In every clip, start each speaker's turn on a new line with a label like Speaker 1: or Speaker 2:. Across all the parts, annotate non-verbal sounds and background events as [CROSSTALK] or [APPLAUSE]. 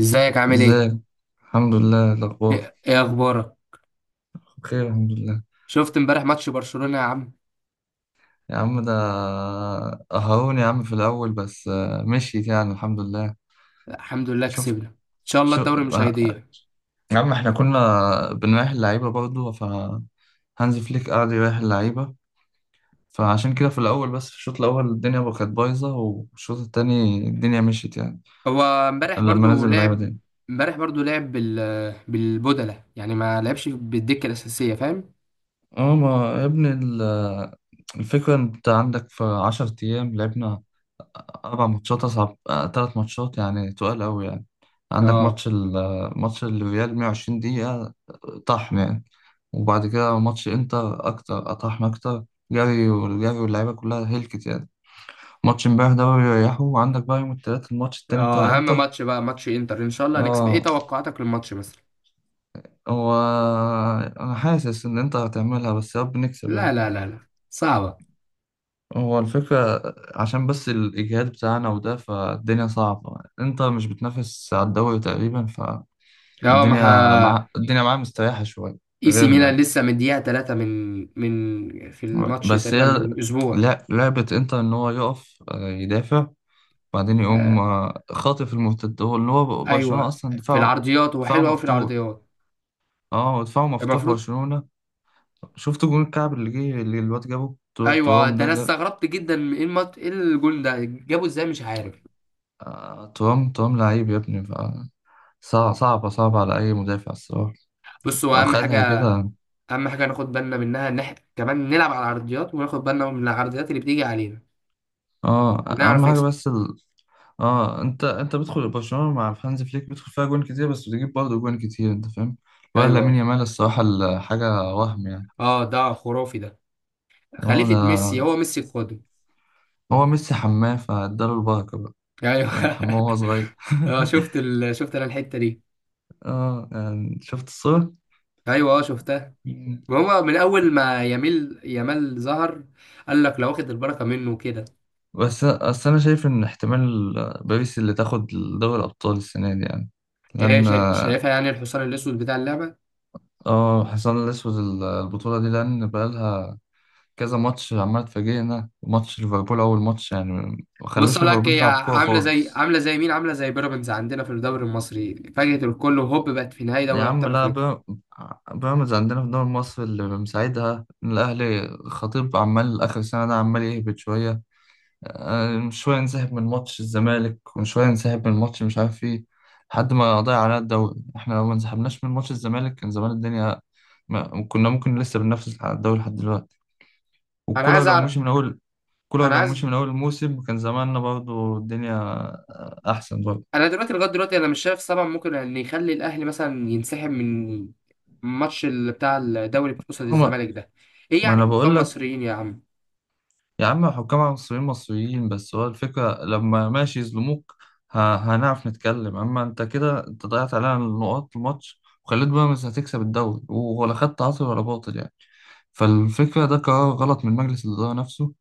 Speaker 1: ازيك عامل ايه؟
Speaker 2: ازيك. الحمد لله، إيه الاخبار؟
Speaker 1: ايه ايه اخبارك؟
Speaker 2: بخير الحمد لله.
Speaker 1: شفت امبارح ماتش برشلونة يا عم؟
Speaker 2: يا عم ده، قهرون يا عم في الاول بس مشيت يعني الحمد لله.
Speaker 1: الحمد لله
Speaker 2: شفت.
Speaker 1: كسبنا ان شاء الله
Speaker 2: شو.
Speaker 1: الدوري مش
Speaker 2: آه،
Speaker 1: هيضيع.
Speaker 2: يا عم احنا كنا بنريح اللعيبه برضه فهانز فليك قعد يريح اللعيبه. فعشان كده في الاول بس، في الشوط الاول الدنيا بقى كانت بايظه، والشوط التاني الدنيا مشيت يعني.
Speaker 1: هو امبارح
Speaker 2: لما
Speaker 1: برضو
Speaker 2: نزل اللعيبه
Speaker 1: لعب
Speaker 2: تاني.
Speaker 1: امبارح برضو لعب بال بالبدلة يعني ما لعبش بالدكة الأساسية فاهم؟
Speaker 2: اه، ما يا ابني الفكره، انت عندك في 10 ايام لعبنا أربع ماتشات، أصعب تلات ماتشات يعني تقال أوي يعني. عندك
Speaker 1: اه
Speaker 2: ماتش ال آه، ماتش الريال 120 دقيقة، طحن يعني. وبعد كده ماتش إنتر أكتر، أطحن أكتر. جري والجري، واللعيبة كلها هلكت يعني. ماتش امبارح ده بقى بيريحوا، وعندك بقى يوم التلات الماتش التاني
Speaker 1: اه
Speaker 2: بتاع
Speaker 1: اهم
Speaker 2: إنتر.
Speaker 1: ماتش بقى ماتش انتر ان شاء الله هنكسب، ايه
Speaker 2: اه،
Speaker 1: توقعاتك للماتش مثلا؟
Speaker 2: هو أنا حاسس إن إنتر هتعملها، بس يا رب نكسب
Speaker 1: لا
Speaker 2: يعني.
Speaker 1: لا لا لا صعبة.
Speaker 2: هو الفكرة عشان بس الإجهاد بتاعنا وده، فالدنيا صعبة. إنتر مش بتنافس على الدوري تقريبا.
Speaker 1: اه ما
Speaker 2: الدنيا
Speaker 1: ها...
Speaker 2: مع الدنيا معاه مستريحة شوية.
Speaker 1: اي سي ميلان
Speaker 2: غيرنا.
Speaker 1: لسه من دقيقة تلاتة من في الماتش
Speaker 2: بس
Speaker 1: تقريبا
Speaker 2: هي
Speaker 1: من اسبوع.
Speaker 2: لا، لعبة انتر ان هو يقف يدافع، بعدين يقوم
Speaker 1: آه،
Speaker 2: خاطف المرتد، هو اللي هو برشلونة
Speaker 1: ايوه،
Speaker 2: اصلا
Speaker 1: في
Speaker 2: دفاعه.
Speaker 1: العرضيات هو
Speaker 2: دفاعه
Speaker 1: حلو قوي في
Speaker 2: مفتوح.
Speaker 1: العرضيات.
Speaker 2: اه، دفاعه مفتوح
Speaker 1: المفروض.
Speaker 2: برشلونة. شفت جون الكعب اللي جه، اللي الواد جابه بتوع
Speaker 1: ايوه
Speaker 2: الترام
Speaker 1: ده
Speaker 2: ده
Speaker 1: انا
Speaker 2: ده
Speaker 1: استغربت جدا من ايه المط... ايه الجون ده جابه ازاي مش عارف.
Speaker 2: ترام ترام لعيب يا ابني. صعب، صعبة صعبة على أي مدافع الصراحة.
Speaker 1: بص هو
Speaker 2: لو
Speaker 1: اهم حاجه،
Speaker 2: خدها كده.
Speaker 1: اهم حاجه ناخد بالنا منها ان احنا كمان نلعب على العرضيات وناخد بالنا من العرضيات اللي بتيجي علينا
Speaker 2: اه، أهم
Speaker 1: هنعرف
Speaker 2: حاجة
Speaker 1: نكسب.
Speaker 2: بس. اه، انت بتدخل برشلونه مع هانز فليك بتدخل فيها جوان كتير، بس بتجيب برضه جوان كتير، انت فاهم. ولا لامين
Speaker 1: ايوه،
Speaker 2: يامال الصراحه حاجه وهم يعني.
Speaker 1: اه ده خرافي ده،
Speaker 2: هو
Speaker 1: خليفه
Speaker 2: ده.
Speaker 1: ميسي، هو ميسي القادم.
Speaker 2: هو ميسي حماه فاداله البركه بقى.
Speaker 1: ايوه.
Speaker 2: انت حماه وهو صغير
Speaker 1: [LAUGHS] اه شفت
Speaker 2: [LAUGHS]
Speaker 1: ال... شفت انا الحته دي.
Speaker 2: اه، يعني شفت الصوره.
Speaker 1: ايوه اه شفتها.
Speaker 2: مم.
Speaker 1: وهو من اول ما يميل يمال ظهر، قال لك لو واخد البركه منه وكده.
Speaker 2: بس انا شايف ان احتمال باريس اللي تاخد دوري الابطال السنه دي يعني،
Speaker 1: ايه
Speaker 2: لان
Speaker 1: شا... شايفها يعني الحصان الاسود بتاع اللعبه.
Speaker 2: اه، حصان الاسود البطوله دي، لان بقالها كذا ماتش عمال تفاجئنا. وماتش ليفربول أول ماتش يعني ما
Speaker 1: بص
Speaker 2: خلوش
Speaker 1: اقول لك
Speaker 2: ليفربول
Speaker 1: هي
Speaker 2: تلعب كورة
Speaker 1: عامله زي،
Speaker 2: خالص.
Speaker 1: عامله زي مين، عامله زي بيراميدز عندنا في الدوري المصري، فاجئت الكل وهوب بقت في نهائي
Speaker 2: يا
Speaker 1: دوري
Speaker 2: عم
Speaker 1: ابطال
Speaker 2: لا،
Speaker 1: افريقيا.
Speaker 2: بيراميدز عندنا في الدوري المصري اللي مساعدها إن الأهلي خطيب عمال آخر سنة ده عمال يهبط شوية. شوية نسحب من ماتش الزمالك، وشوية نسحب من ماتش مش عارف إيه، لحد ما ضيع علينا الدوري. إحنا لو ما انسحبناش من ماتش الزمالك كان زمان الدنيا، ما كنا ممكن لسه بننافس على الدوري لحد دلوقتي.
Speaker 1: انا
Speaker 2: والكولر
Speaker 1: عايز
Speaker 2: لو
Speaker 1: أعرف،
Speaker 2: مشي من أول كولر
Speaker 1: انا
Speaker 2: لو
Speaker 1: عايز،
Speaker 2: مشي من أول الموسم كان زماننا برضو الدنيا أحسن برضو.
Speaker 1: انا دلوقتي لغايه دلوقتي انا مش شايف سبب ممكن ان يخلي الاهلي مثلا ينسحب من ماتش بتاع الدوري قصاد
Speaker 2: هما.
Speaker 1: الزمالك ده. ايه
Speaker 2: ما
Speaker 1: يعني
Speaker 2: أنا بقول
Speaker 1: حكام
Speaker 2: لك،
Speaker 1: مصريين يا عم.
Speaker 2: يا عم حكام مصريين مصريين، بس هو الفكرة لما ماشي يظلموك هنعرف نتكلم. أما أنت كده أنت ضيعت علينا النقاط الماتش، وخليت بيراميدز هتكسب الدوري ولا خدت عاطل ولا باطل يعني. فالفكرة ده قرار غلط من مجلس الإدارة نفسه.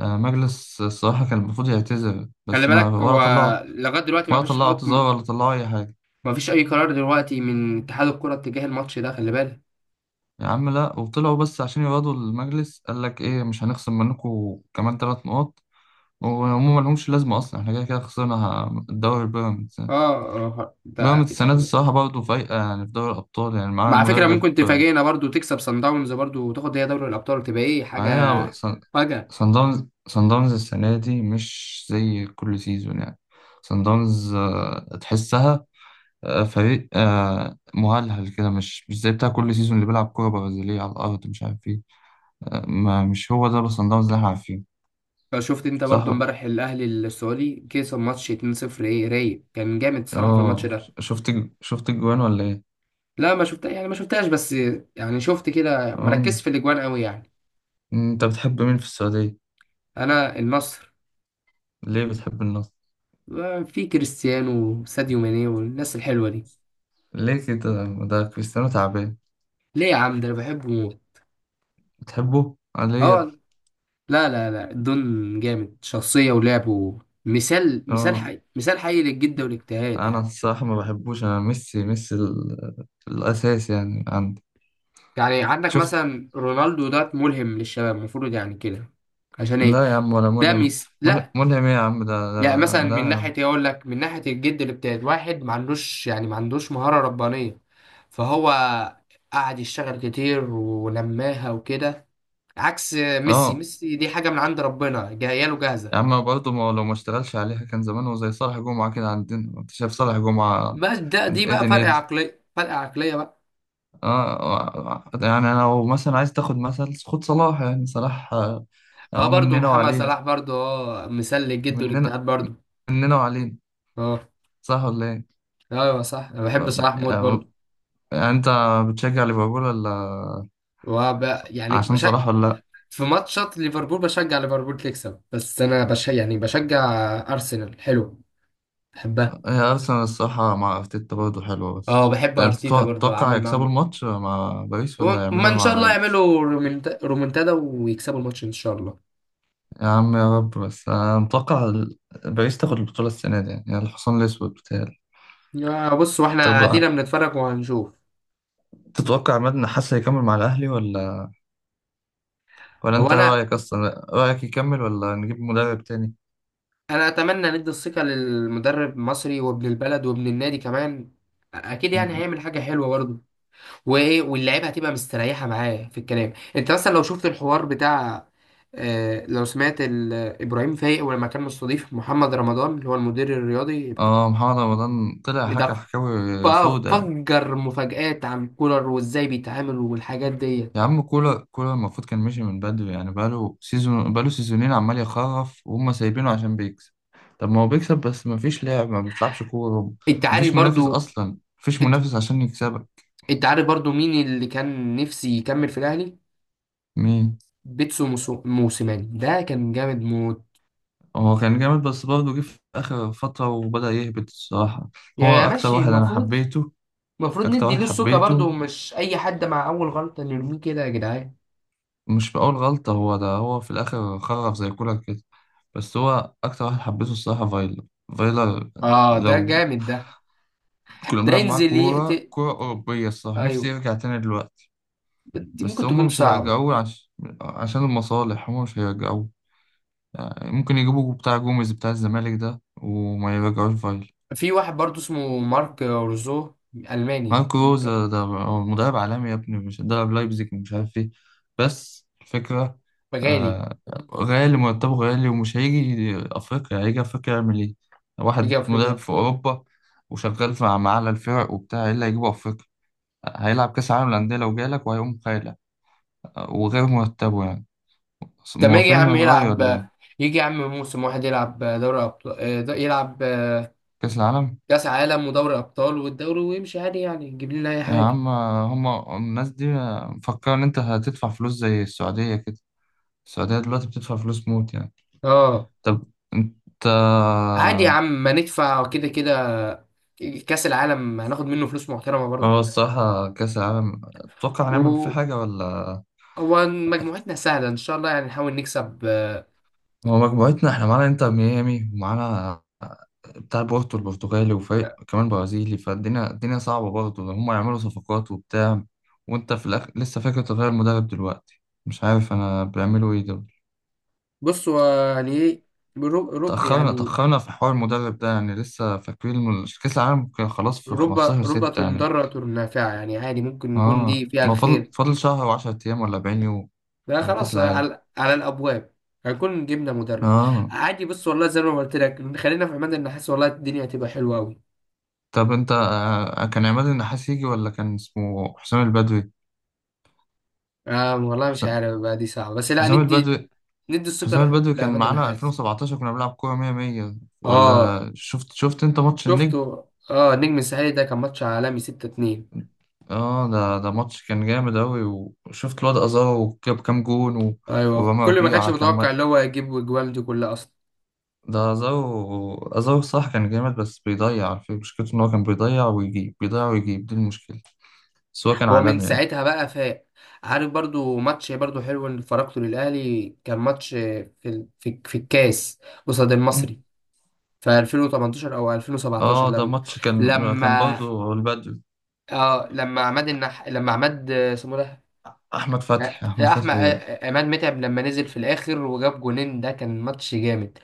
Speaker 2: مجلس الصراحة كان المفروض يعتذر،
Speaker 1: خلي
Speaker 2: بس ما
Speaker 1: بالك
Speaker 2: ولا
Speaker 1: هو
Speaker 2: طلعوا،
Speaker 1: لغايه دلوقتي ما
Speaker 2: ولا
Speaker 1: فيش
Speaker 2: طلعوا
Speaker 1: حكم،
Speaker 2: اعتذار ولا طلعوا أي حاجة.
Speaker 1: ما فيش اي قرار دلوقتي من اتحاد الكره اتجاه الماتش ده، خلي بالك.
Speaker 2: يا عم لا، وطلعوا بس عشان يقعدوا المجلس قال لك ايه؟ مش هنخصم منكم كمان ثلاث نقط، وهم ما لهمش لازمه اصلا، احنا كده كده خسرنا الدوري بيراميدز
Speaker 1: اه،
Speaker 2: يعني.
Speaker 1: ده
Speaker 2: بيراميدز السنه دي الصراحه برضه فايقه يعني في دوري الابطال يعني، معاها
Speaker 1: مع فكره،
Speaker 2: المدرب.
Speaker 1: ممكن تفاجئنا برضو تكسب سان داونز برضو وتاخد هي دوري الابطال، تبقى ايه حاجه
Speaker 2: معايا صن
Speaker 1: فجأة.
Speaker 2: صن داونز. صن داونز السنه دي مش زي كل سيزون يعني. صن داونز تحسها. فريق مهلهل كده، مش زي بتاع كل سيزون اللي بيلعب كوره برازيليه على الارض مش عارف ايه. مش هو ده بس صن داونز اللي احنا عارفينه.
Speaker 1: فشفت انت برضو
Speaker 2: صح.
Speaker 1: امبارح الاهلي السعودي كسب ماتش 2-0، ايه رايق كان جامد الصراحه في الماتش
Speaker 2: اه،
Speaker 1: ده.
Speaker 2: شفت شفت الجوان ولا ايه؟
Speaker 1: لا ما شفتها يعني ما شفتهاش بس يعني شفت كده مركز
Speaker 2: اه،
Speaker 1: في الاجوان قوي يعني.
Speaker 2: انت بتحب مين في السعودية؟
Speaker 1: انا النصر.
Speaker 2: ليه بتحب النصر؟
Speaker 1: في كريستيانو وساديو ماني والناس الحلوه دي.
Speaker 2: ليه كده؟ ده كريستيانو تعبان.
Speaker 1: ليه يا عم ده انا بحبه موت.
Speaker 2: بتحبه ليه يا
Speaker 1: اه،
Speaker 2: ابني؟
Speaker 1: لا لا لا الدون جامد شخصيه ولعبه، مثال، مثال
Speaker 2: اه،
Speaker 1: حي، مثال حي للجد والاجتهاد
Speaker 2: انا
Speaker 1: يعني.
Speaker 2: الصراحة ما بحبوش. انا ميسي، ميسي الاساس يعني عندي.
Speaker 1: يعني عندك
Speaker 2: شفت.
Speaker 1: مثلا رونالدو ده ملهم للشباب المفروض يعني كده. عشان ايه.
Speaker 2: لا يا عم، ولا
Speaker 1: ده
Speaker 2: ملهم.
Speaker 1: ميس لا.
Speaker 2: ملهم ايه يا عم؟ ده
Speaker 1: يعني مثلا
Speaker 2: لا
Speaker 1: من
Speaker 2: يا عم.
Speaker 1: ناحيه إيه اقول لك، من ناحيه الجد اللي بتاعت واحد ما عندوش يعني ما عندوش مهاره ربانيه، فهو قعد يشتغل كتير ولماها وكده، عكس ميسي.
Speaker 2: اه،
Speaker 1: ميسي دي حاجه من عند ربنا جايه له جاهزه.
Speaker 2: يا عم برضه، ما لو ما اشتغلش عليها كان زمانه زي صالح جمعة كده عندنا. انت شايف صالح جمعة؟
Speaker 1: بس ده دي
Speaker 2: ايه
Speaker 1: بقى فرق
Speaker 2: دنيته؟
Speaker 1: عقليه، فرق عقليه بقى.
Speaker 2: اه، يعني لو مثلا عايز تاخد مثل، خد صلاح يعني، صلاح
Speaker 1: اه
Speaker 2: هو
Speaker 1: برضو
Speaker 2: مننا
Speaker 1: محمد
Speaker 2: وعلينا.
Speaker 1: صلاح برضو اه مثال للجد
Speaker 2: مننا
Speaker 1: والاجتهاد برضو.
Speaker 2: مننا وعلينا.
Speaker 1: اه.
Speaker 2: صح ولا ايه؟
Speaker 1: ايوه صح انا بحب
Speaker 2: آه،
Speaker 1: صلاح موت
Speaker 2: آه،
Speaker 1: برضو.
Speaker 2: يعني انت بتشجع ليفربول ولا
Speaker 1: وب... يعني
Speaker 2: عشان
Speaker 1: بشجع،
Speaker 2: صلاح ولا لا؟
Speaker 1: في ماتشات ليفربول بشجع ليفربول تكسب، بس انا بش... يعني بشجع ارسنال، حلو، بحبها.
Speaker 2: هي ارسنال الصراحة مع ارتيتا برضه حلوة بس.
Speaker 1: اه بحب
Speaker 2: انت
Speaker 1: ارتيتا
Speaker 2: تتوقع
Speaker 1: برضو
Speaker 2: تتوقع
Speaker 1: عامل
Speaker 2: يكسبوا
Speaker 1: معاهم.
Speaker 2: الماتش مع باريس ولا
Speaker 1: وما
Speaker 2: هيعملوا ايه
Speaker 1: ان شاء
Speaker 2: مع
Speaker 1: الله
Speaker 2: باريس؟
Speaker 1: يعملوا رومنت... رومنتادا ويكسبوا الماتش ان شاء الله.
Speaker 2: يا عم، يا رب. بس انا متوقع باريس تاخد البطولة السنة دي يعني، الحصان الأسود بتاعي.
Speaker 1: يا بص، واحنا
Speaker 2: طب،
Speaker 1: قاعدين بنتفرج وهنشوف.
Speaker 2: تتوقع عماد النحاس هيكمل مع الأهلي ولا
Speaker 1: هو
Speaker 2: انت
Speaker 1: انا،
Speaker 2: رأيك، اصلا رأيك يكمل ولا نجيب مدرب تاني؟
Speaker 1: انا اتمنى ندي الثقة للمدرب المصري وابن البلد وابن النادي كمان، اكيد يعني
Speaker 2: مم.
Speaker 1: هيعمل حاجة حلوة برضو. وايه واللعيبه هتبقى مستريحه معاه في الكلام. انت مثلا لو شفت الحوار بتاع، لو سمعت ابراهيم فايق ولما كان مستضيف محمد رمضان اللي هو المدير الرياضي
Speaker 2: اه، محمد رمضان طلع حكى
Speaker 1: ده، ف-
Speaker 2: حكاوي سودة.
Speaker 1: فجر مفاجآت عن كولر وازاي بيتعامل والحاجات دي.
Speaker 2: يا عم، كولر المفروض كان مشي من بدري يعني، بقاله سيزونين عمال يخرف، وهم سايبينه عشان بيكسب. طب ما هو بيكسب، بس مفيش لعب ما بيلعبش كورة.
Speaker 1: انت عارف
Speaker 2: مفيش منافس،
Speaker 1: برضو،
Speaker 2: اصلا مفيش
Speaker 1: انت
Speaker 2: منافس عشان يكسبك.
Speaker 1: انت عارف برضو مين اللي كان نفسي يكمل في الاهلي.
Speaker 2: مين؟
Speaker 1: بيتسو موسيماني ده كان جامد موت.
Speaker 2: هو كان جامد بس برضه جه في آخر فترة وبدأ يهبط الصراحة.
Speaker 1: يا
Speaker 2: هو
Speaker 1: يا
Speaker 2: أكتر
Speaker 1: ماشي،
Speaker 2: واحد أنا
Speaker 1: المفروض،
Speaker 2: حبيته.
Speaker 1: المفروض
Speaker 2: أكتر
Speaker 1: ندي
Speaker 2: واحد
Speaker 1: له السكه برضو،
Speaker 2: حبيته.
Speaker 1: مش اي حد مع اول غلطه نرميه كده يا جدعان.
Speaker 2: مش في أول غلطة، هو ده هو في الآخر خرف زي كولر كده. بس هو أكتر واحد حبيته الصراحة، فايلر. فايلر.
Speaker 1: اه ده
Speaker 2: لو
Speaker 1: جامد ده،
Speaker 2: كنا
Speaker 1: ده
Speaker 2: بنلعب معاه
Speaker 1: ينزل
Speaker 2: كورة،
Speaker 1: يقتل.
Speaker 2: كورة أوروبية الصراحة، نفسي
Speaker 1: ايوه،
Speaker 2: يرجع تاني دلوقتي.
Speaker 1: دي
Speaker 2: بس
Speaker 1: ممكن
Speaker 2: هما
Speaker 1: تكون
Speaker 2: مش
Speaker 1: صعبة.
Speaker 2: هيرجعوه عشان المصالح هما مش هيرجعوه. يعني ممكن يجيبوا بتاع جوميز بتاع الزمالك ده وما يرجعوش فايلر.
Speaker 1: في واحد برضو اسمه مارك روزو، ألماني،
Speaker 2: ماركو روزا ده هو مدرب عالمي يا ابني، مش درب لايبزيج ومش عارف ايه. بس الفكرة.
Speaker 1: غالي،
Speaker 2: آه. غالي مرتبه، غالي، ومش هيجي أفريقيا. هيجي أفريقيا يعمل ايه؟
Speaker 1: يجي
Speaker 2: واحد مدرب
Speaker 1: أفريقيا.
Speaker 2: في أوروبا وشغال مع أعلى الفرق وبتاع ايه، اللي هيجيبه أفريقيا؟ هيلعب كأس العالم للأندية لو جالك، وهيقوم خايلة وغير مرتبه يعني.
Speaker 1: طب ما يجي يا
Speaker 2: موافقين
Speaker 1: عم
Speaker 2: الرأي ولا
Speaker 1: يلعب،
Speaker 2: ايه؟
Speaker 1: يجي يا عم موسم واحد يلعب دوري أبطال، يلعب
Speaker 2: كأس العالم؟
Speaker 1: كأس عالم ودوري أبطال والدوري ويمشي عادي يعني يجيب لنا أي
Speaker 2: يا
Speaker 1: حاجة.
Speaker 2: عم هما الناس دي مفكرة إن أنت هتدفع فلوس زي السعودية كده. السعودية دلوقتي بتدفع فلوس موت يعني.
Speaker 1: اه.
Speaker 2: طب انت،
Speaker 1: عادي يا عم ما ندفع كده كده، كأس العالم هناخد منه فلوس محترمة برضو.
Speaker 2: هو الصراحة كأس العالم تتوقع هنعمل فيه
Speaker 1: و
Speaker 2: حاجة ولا؟
Speaker 1: هو مجموعتنا سهلة إن شاء الله يعني نحاول نكسب.
Speaker 2: هو مجموعتنا احنا معانا انتر ميامي ومعانا بتاع بورتو البرتغالي وفريق كمان برازيلي، فالدنيا صعبة برضه لو هم يعملوا صفقات وبتاع. وانت في لسه فاكر تغير المدرب دلوقتي، مش عارف انا بيعملوا ايه دول.
Speaker 1: بص هو يعني ايه، رب رب
Speaker 2: تأخرنا
Speaker 1: يعني،
Speaker 2: تأخرنا في حوار المدرب ده يعني، لسه فاكرين كأس العالم كان خلاص في
Speaker 1: رب
Speaker 2: 15
Speaker 1: ربة
Speaker 2: 6 يعني.
Speaker 1: ضارة نافعة يعني، عادي ممكن نكون دي
Speaker 2: اه،
Speaker 1: فيها
Speaker 2: هو فاضل
Speaker 1: الخير.
Speaker 2: فاضل شهر و10 ايام ولا 40 يوم
Speaker 1: ده
Speaker 2: على كأس
Speaker 1: خلاص
Speaker 2: العالم.
Speaker 1: على, على الأبواب، هنكون جبنا مدرب.
Speaker 2: اه.
Speaker 1: عادي بص والله زي ما قلت لك، خلينا في عماد النحاس والله الدنيا هتبقى حلوة أوي.
Speaker 2: طب انت كان عماد النحاس يجي ولا كان اسمه حسام البدوي؟
Speaker 1: آه والله مش
Speaker 2: حسام
Speaker 1: عارف بقى، دي صعبة، بس لا
Speaker 2: حسام
Speaker 1: ندي،
Speaker 2: البدوي.
Speaker 1: ندي الثقة
Speaker 2: حسام البدوي كان
Speaker 1: لعماد
Speaker 2: معانا
Speaker 1: النحاس.
Speaker 2: 2017 كنا بنلعب كورة 100 100.
Speaker 1: اه
Speaker 2: ولا شفت انت ماتش
Speaker 1: شفته.
Speaker 2: النجم؟
Speaker 1: اه نجم الساحلي ده كان ماتش عالمي 6-2.
Speaker 2: اه، ده ماتش كان جامد أوي. وشفت الواد أزارو جاب كام جون
Speaker 1: ايوه،
Speaker 2: ورامي
Speaker 1: كل ما كانش
Speaker 2: ربيعة كان
Speaker 1: متوقع اللي هو يجيب الاجوال دي كلها اصلا.
Speaker 2: ده أزارو صح، كان جامد بس بيضيع على فكرة، مشكلته إن هو كان بيضيع ويجيب بيضيع ويجيب، دي المشكلة. بس هو كان
Speaker 1: هو من
Speaker 2: عالمي يعني.
Speaker 1: ساعتها بقى فاق. عارف برضو ماتش برضو حلو اللي فرجته للأهلي، كان ماتش في في, في الكاس قصاد المصري
Speaker 2: مم.
Speaker 1: في 2018 او 2017،
Speaker 2: اه، ده
Speaker 1: لما
Speaker 2: ماتش كان
Speaker 1: لما
Speaker 2: برضه البدو.
Speaker 1: اه لما عماد النح لما عماد اسمه ده،
Speaker 2: احمد
Speaker 1: آه،
Speaker 2: فتحي،
Speaker 1: آه،
Speaker 2: احمد
Speaker 1: احمد،
Speaker 2: فتحي.
Speaker 1: عماد متعب لما نزل في الاخر وجاب جونين، ده كان ماتش جامد.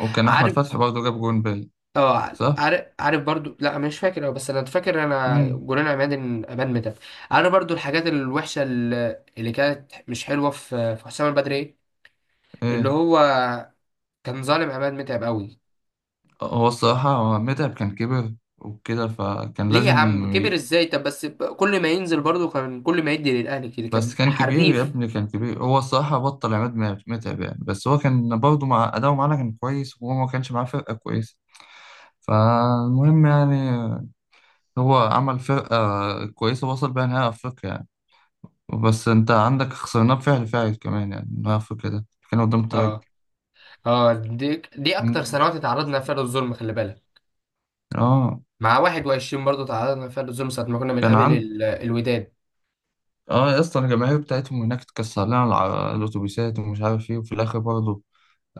Speaker 2: وكان احمد
Speaker 1: عارف،
Speaker 2: فتحي برضه جاب جون باي.
Speaker 1: اه
Speaker 2: صح.
Speaker 1: عارف عارف برضو، لا مش فاكر أوي، بس انا فاكر انا
Speaker 2: امم.
Speaker 1: جولان عماد ان امان متعب. عارف برضو الحاجات الوحشه اللي كانت مش حلوه في في حسام البدري إيه؟ اللي
Speaker 2: ايه؟
Speaker 1: هو كان ظالم عماد متعب قوي.
Speaker 2: هو الصراحه، متعب كان كبر وكده فكان
Speaker 1: ليه يا
Speaker 2: لازم.
Speaker 1: عم كبر
Speaker 2: ي...
Speaker 1: ازاي، طب بس كل ما ينزل برضو كان كل ما يدي للاهلي كده
Speaker 2: بس
Speaker 1: كان
Speaker 2: كان كبير يا
Speaker 1: حريف.
Speaker 2: ابني، كان كبير. هو الصراحه بطل عماد متعب يعني، بس هو كان برضه مع اداؤه معانا كان كويس، وهو ما كانش معاه فرقه كويسه. فالمهم يعني، هو عمل فرقه كويسه وصل بيها نهائي افريقيا يعني. بس انت عندك خسرناه بفعل فاعل كمان يعني، نهائي افريقيا ده كان قدام ترجي.
Speaker 1: اه، اه دي دي اكتر
Speaker 2: امم.
Speaker 1: سنوات اتعرضنا فيها للظلم خلي بالك،
Speaker 2: اه،
Speaker 1: مع 21 برضو تعرضنا فيها للظلم ساعه ما كنا
Speaker 2: كان
Speaker 1: بنقابل
Speaker 2: عند.
Speaker 1: الوداد.
Speaker 2: اه، يا اسطى الجماهير بتاعتهم هناك اتكسر لنا الاتوبيسات ومش عارف ايه، وفي الاخر برضه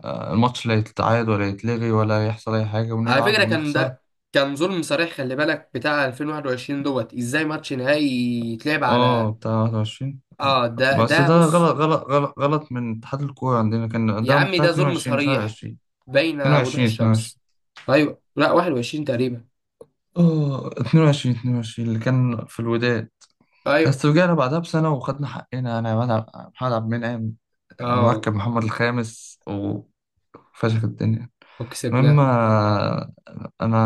Speaker 2: الماتش لا يتعاد ولا يتلغي ولا يحصل اي حاجه،
Speaker 1: على
Speaker 2: ونلعب
Speaker 1: فكرة كان
Speaker 2: ونخسر.
Speaker 1: ده كان ظلم صريح خلي بالك، بتاع 2021 دوت ازاي ماتش نهائي يتلعب على.
Speaker 2: اه، بتاع 21.
Speaker 1: اه ده
Speaker 2: بس
Speaker 1: ده
Speaker 2: ده
Speaker 1: بص،
Speaker 2: غلط غلط غلط غلط من اتحاد الكوره عندنا، كان
Speaker 1: يا
Speaker 2: ده
Speaker 1: عمي
Speaker 2: بتاع
Speaker 1: ده ظلم
Speaker 2: 22 مش
Speaker 1: صريح
Speaker 2: 21.
Speaker 1: بين وضوح
Speaker 2: 22 22.
Speaker 1: الشمس. ايوه لا 21 تقريبا.
Speaker 2: اه، 22 22 اللي كان في الوداد.
Speaker 1: ايوه
Speaker 2: بس رجعنا بعدها بسنة وخدنا حقنا. أنا يا عماد محمد عبد المنعم
Speaker 1: اه
Speaker 2: مركب محمد الخامس وفشخ الدنيا. المهم
Speaker 1: وكسبناه.
Speaker 2: انا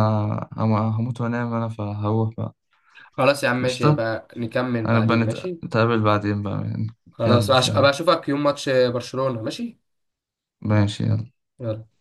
Speaker 2: هموت وانام انا، فهروح بقى.
Speaker 1: خلاص يا عم ماشي،
Speaker 2: قشطة.
Speaker 1: يبقى نكمل
Speaker 2: انا بقى
Speaker 1: بعدين ماشي.
Speaker 2: نتقابل بعدين بقى.
Speaker 1: خلاص
Speaker 2: يلا
Speaker 1: ابقى
Speaker 2: سلام.
Speaker 1: اشوفك يوم ماتش برشلونة ماشي.
Speaker 2: ماشي يلا.
Speaker 1: يلا.